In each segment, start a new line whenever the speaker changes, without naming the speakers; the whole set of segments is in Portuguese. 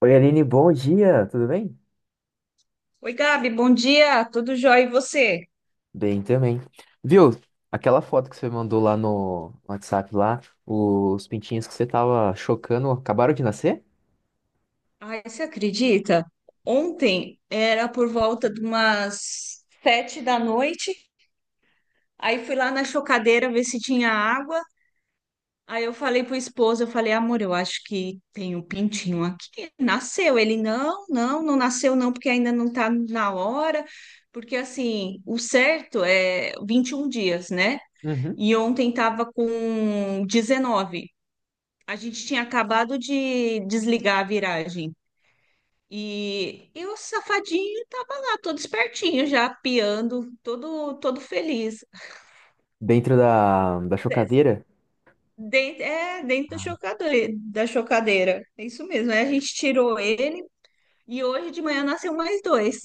Oi, Aline, bom dia, tudo bem?
Oi, Gabi, bom dia, tudo jóia e você?
Bem também. Viu, aquela foto que você mandou lá no WhatsApp lá, os pintinhos que você tava chocando acabaram de nascer?
Ai, você acredita? Ontem era por volta de umas 7 da noite, aí fui lá na chocadeira ver se tinha água, aí eu falei pro esposo, eu falei, amor, eu acho que tem um pintinho aqui, nasceu. Ele, não, não, não nasceu não, porque ainda não tá na hora, porque assim, o certo é 21 dias, né?
Uhum.
E ontem tava com 19. A gente tinha acabado de desligar a viragem. E o safadinho tava lá, todo espertinho, já piando, todo, todo feliz.
Dentro da
É.
chocadeira?
Dentro da chocadeira. É isso mesmo. Aí a gente tirou ele e hoje de manhã nasceu mais dois.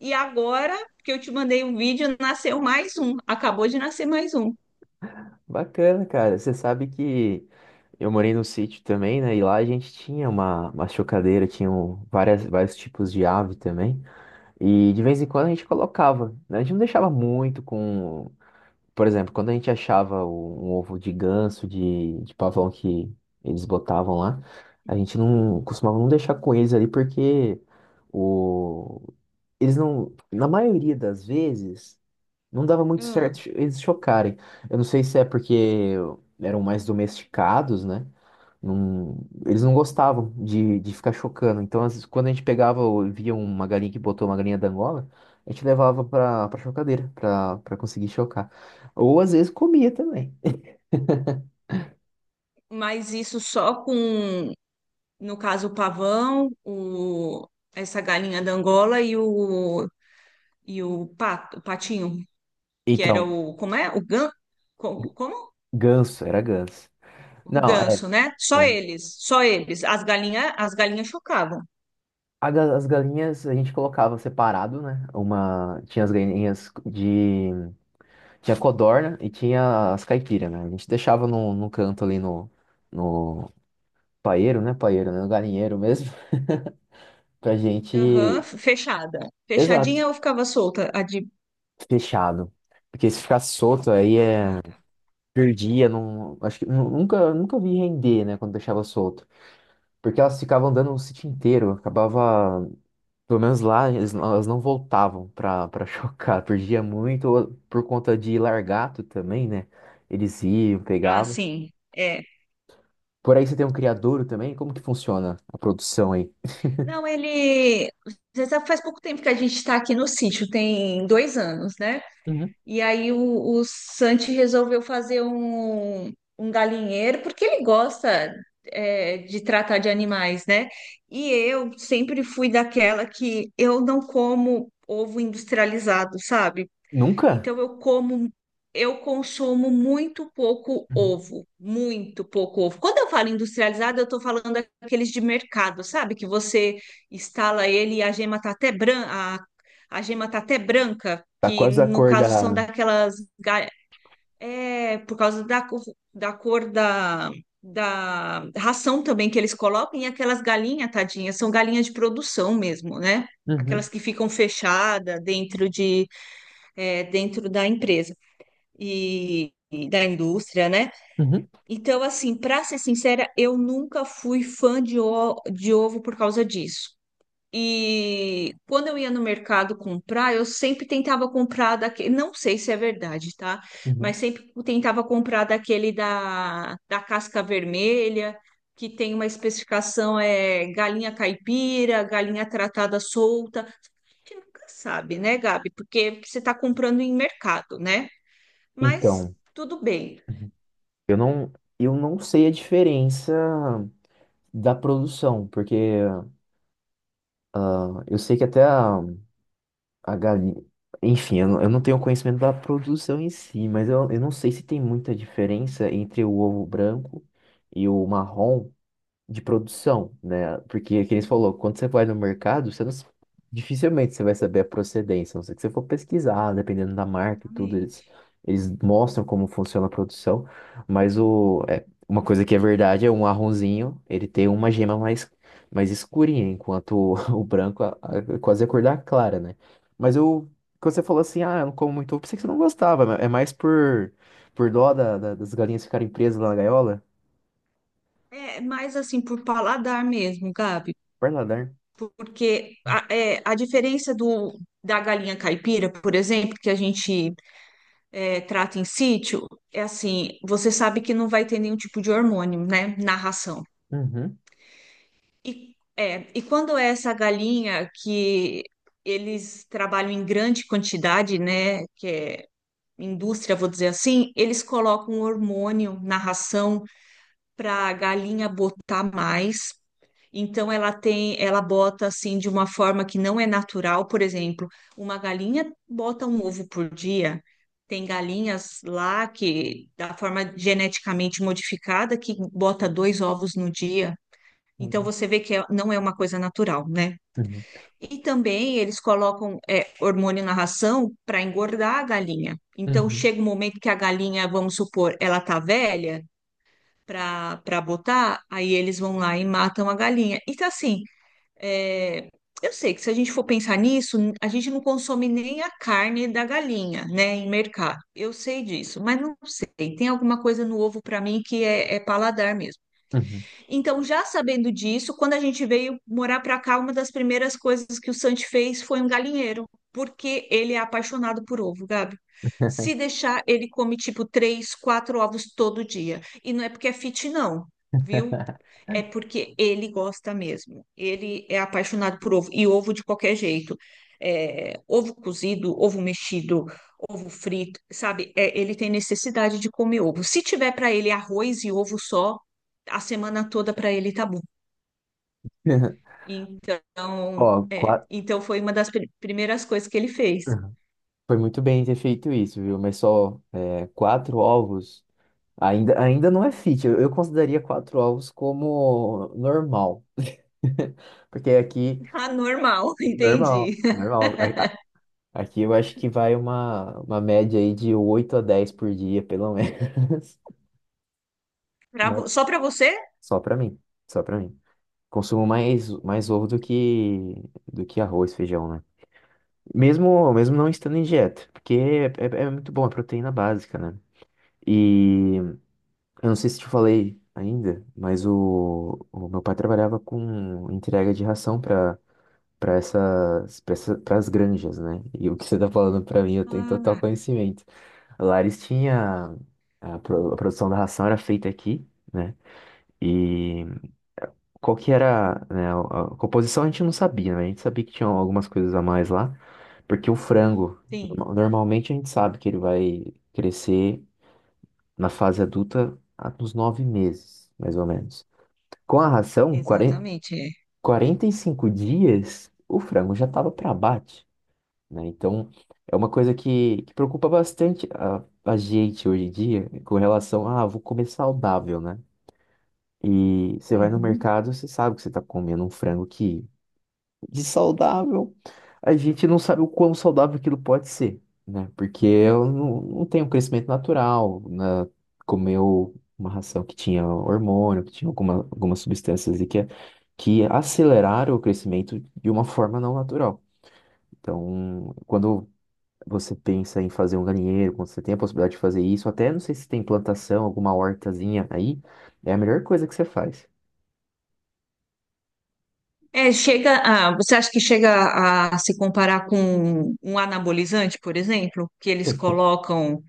E agora que eu te mandei um vídeo, nasceu mais um. Acabou de nascer mais um.
Bacana, cara. Você sabe que eu morei no sítio também, né? E lá a gente tinha uma chocadeira, tinham várias, vários tipos de ave também. E de vez em quando a gente colocava, né? A gente não deixava muito com. Por exemplo, quando a gente achava um ovo de ganso, de pavão que eles botavam lá, a gente não costumava não deixar com eles ali porque o, eles não, na maioria das vezes, não dava muito
Ah,
certo eles chocarem. Eu não sei se é porque eram mais domesticados, né? Não- Eles não gostavam de ficar chocando. Então, às vezes, quando a gente pegava ou via uma galinha que botou uma galinha da Angola, a gente levava pra chocadeira, pra conseguir chocar. Ou às vezes comia também.
mas isso só com, no caso, o pavão, o, essa galinha da Angola e o pato, o patinho, que era
Então,
o, como é? Como?
ganso, era ganso.
O
Não, é.
ganso, né? Só
É.
eles, só eles. As galinhas chocavam.
As galinhas a gente colocava separado, né? Uma, tinha as galinhas de. Tinha codorna e tinha as caipiras, né? A gente deixava no canto ali no paeiro, né? Paeiro, né? No galinheiro mesmo. Pra
Aham,
gente.
fechada.
Exato,
Fechadinha ou ficava solta?
fechado. Porque se ficasse solto aí
Ah,
é.
tá.
Perdia, não. Acho que nunca vi render, né? Quando deixava solto. Porque elas ficavam andando o sítio inteiro. Acabava. Pelo menos lá, eles elas não voltavam pra chocar. Perdia muito ou por conta de largato também, né? Eles iam,
Ah,
pegavam.
sim. É.
Por aí você tem um criadouro também? Como que funciona a produção aí?
Não, ele. Você sabe, faz pouco tempo que a gente está aqui no sítio, tem 2 anos, né?
Uhum.
E aí o Santi resolveu fazer um galinheiro, porque ele gosta de tratar de animais, né? E eu sempre fui daquela que eu não como ovo industrializado, sabe?
Nunca?
Então eu como, eu consumo muito pouco
Uhum.
ovo, muito pouco ovo. Quando eu falo industrializado, eu estou falando aqueles de mercado, sabe? Que você instala ele e a gema tá até branca, a gema tá até branca,
Tá
que
quase a
no
cor
caso são
da.
daquelas. Por causa da cor da ração também que eles colocam, e aquelas galinhas, tadinhas, são galinhas de produção mesmo, né? Aquelas
Uhum.
que ficam fechadas dentro da empresa e da indústria, né?
Uhum.
Então, assim, para ser sincera, eu nunca fui fã de ovo por causa disso. E quando eu ia no mercado comprar, eu sempre tentava comprar daquele, não sei se é verdade, tá?
Uhum.
Mas sempre tentava comprar daquele da casca vermelha, que tem uma especificação é galinha caipira, galinha tratada solta. A gente nunca sabe, né, Gabi? Porque você está comprando em mercado, né? Mas
Então.
tudo bem.
Uhum. eu não, eu não sei a diferença da produção, porque ah, eu sei que até a galinha. Enfim, eu não tenho conhecimento da produção em si, mas eu não sei se tem muita diferença entre o ovo branco e o marrom. De produção, né? Porque, que eles falou, quando você vai no mercado, você não, dificilmente você vai saber a procedência, a não ser que você for pesquisar, dependendo da marca e tudo,
Exatamente.
eles mostram como funciona a produção, mas o, é, uma coisa que é verdade é um marronzinho, ele tem uma gema mais, mais escurinha, enquanto o, o branco é quase a cor da clara, né? Mas eu, quando você falou assim, ah, eu não como muito ovo, pensei que você não gostava, mas é mais por dó das galinhas ficarem presas lá na gaiola.
É mais assim por paladar mesmo, Gabi,
Para nadar.
porque a diferença do da galinha caipira, por exemplo, que a gente trata em sítio, é assim, você sabe que não vai ter nenhum tipo de hormônio, né, na ração.
Uhum.
E quando é essa galinha que eles trabalham em grande quantidade, né, que é indústria, vou dizer assim, eles colocam hormônio na ração para a galinha botar mais. Então ela tem, ela bota assim de uma forma que não é natural, por exemplo, uma galinha bota um ovo por dia. Tem galinhas lá que da forma geneticamente modificada que bota dois ovos no dia. Então você vê que não é uma coisa natural, né?
Uhum.
E também eles colocam hormônio na ração para engordar a galinha. Então
Uhum.
chega um momento que a galinha, vamos supor, ela tá velha pra botar, aí eles vão lá e matam a galinha. Então, assim, é, eu sei que se a gente for pensar nisso, a gente não consome nem a carne da galinha, né, em mercado. Eu sei disso, mas não sei. Tem alguma coisa no ovo pra mim que é paladar mesmo.
Uhum.
Então, já sabendo disso, quando a gente veio morar para cá, uma das primeiras coisas que o Santi fez foi um galinheiro, porque ele é apaixonado por ovo, Gabi. Se deixar, ele come tipo três, quatro ovos todo dia. E não é porque é fit, não, viu? É porque ele gosta mesmo. Ele é apaixonado por ovo, e ovo de qualquer jeito. É, ovo cozido, ovo mexido, ovo frito, sabe? É, ele tem necessidade de comer ovo. Se tiver para ele arroz e ovo só a semana toda para ele tá bom. Então,
Ó,
é,
qua-
então foi uma das primeiras coisas que ele fez.
uhum. Foi muito bem ter feito isso, viu? Mas só é, 4 ovos ainda, ainda não é fit. Eu consideraria 4 ovos como normal. Porque aqui,
Ah, normal,
normal,
entendi.
normal. Aqui eu acho que vai uma média aí de 8 a 10 por dia, pelo menos.
Pra
Mas
vo- só para você?
só pra mim, só pra mim. Consumo mais, mais ovo do que arroz, feijão, né? Mesmo, mesmo não estando em dieta, porque é, é muito bom, é proteína básica, né? E eu não sei se te falei ainda, mas o meu pai trabalhava com entrega de ração para para essa, as granjas, né? E o que você tá falando para mim, eu tenho total
Ah,
conhecimento. Lá eles tinha a produção da ração era feita aqui, né? E qual que era, né, a composição a gente não sabia, né? A gente sabia que tinha algumas coisas a mais lá. Porque o frango,
sim,
normalmente a gente sabe que ele vai crescer na fase adulta nos 9 meses, mais ou menos. Com a ração, 40,
exatamente. É,
45 dias, o frango já estava para abate, né? Então, é uma coisa que preocupa bastante a gente hoje em dia com relação a, ah, vou comer saudável, né? E você vai no
uhum.
mercado, você sabe que você está comendo um frango que de saudável, a gente não sabe o quão saudável aquilo pode ser, né? Porque eu não, não tenho um crescimento natural, né? Comeu uma ração que tinha hormônio, que tinha algumas substâncias e que aceleraram o crescimento de uma forma não natural. Então, quando você pensa em fazer um galinheiro, quando você tem a possibilidade de fazer isso, até não sei se tem plantação, alguma hortazinha aí, é a melhor coisa que você faz.
É, você acha que chega a se comparar com um anabolizante, por exemplo, que eles colocam,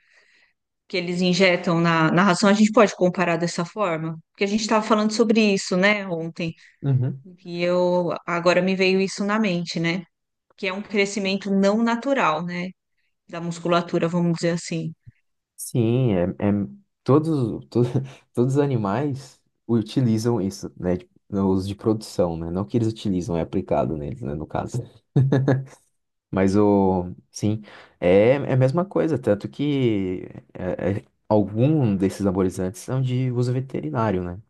que eles injetam na ração? A gente pode comparar dessa forma? Porque a gente estava falando sobre isso, né, ontem.
Uhum.
E eu agora me veio isso na mente, né? Que é um crescimento não natural, né? Da musculatura, vamos dizer assim.
Sim, é, é todos, to- todos os animais utilizam isso, né? Tipo, no uso de produção, né? Não que eles utilizam, é aplicado neles, né? No caso. Mas o, sim, é, é a mesma coisa, tanto que é, é, algum desses anabolizantes são de uso veterinário, né?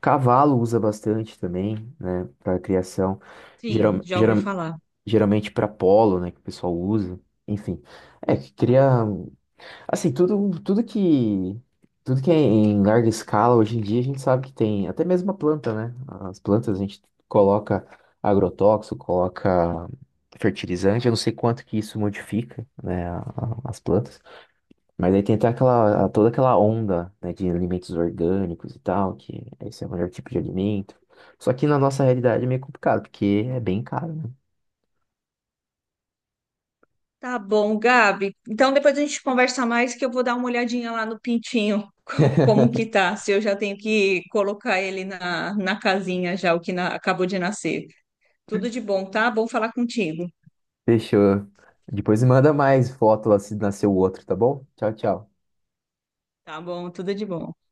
Cavalo usa bastante também, né? Para criação,
Sim,
geral,
já ouvi
geral,
falar.
geralmente para polo, né? Que o pessoal usa. Enfim, é que cria. Assim, tudo que é em larga escala, hoje em dia a gente sabe que tem, até mesmo a planta, né? As plantas a gente coloca agrotóxico, coloca fertilizante, eu não sei quanto que isso modifica, né, as plantas, mas aí tem até aquela, toda aquela onda, né, de alimentos orgânicos e tal, que esse é o melhor tipo de alimento. Só que na nossa realidade é meio complicado, porque é bem caro, né?
Tá bom, Gabi. Então depois a gente conversa mais que eu vou dar uma olhadinha lá no pintinho, como que tá, se eu já tenho que colocar ele na casinha já, acabou de nascer. Tudo de bom, tá? Bom falar contigo.
Fechou. Depois me manda mais foto lá se nasceu outro, tá bom? Tchau, tchau.
Tá bom, tudo de bom.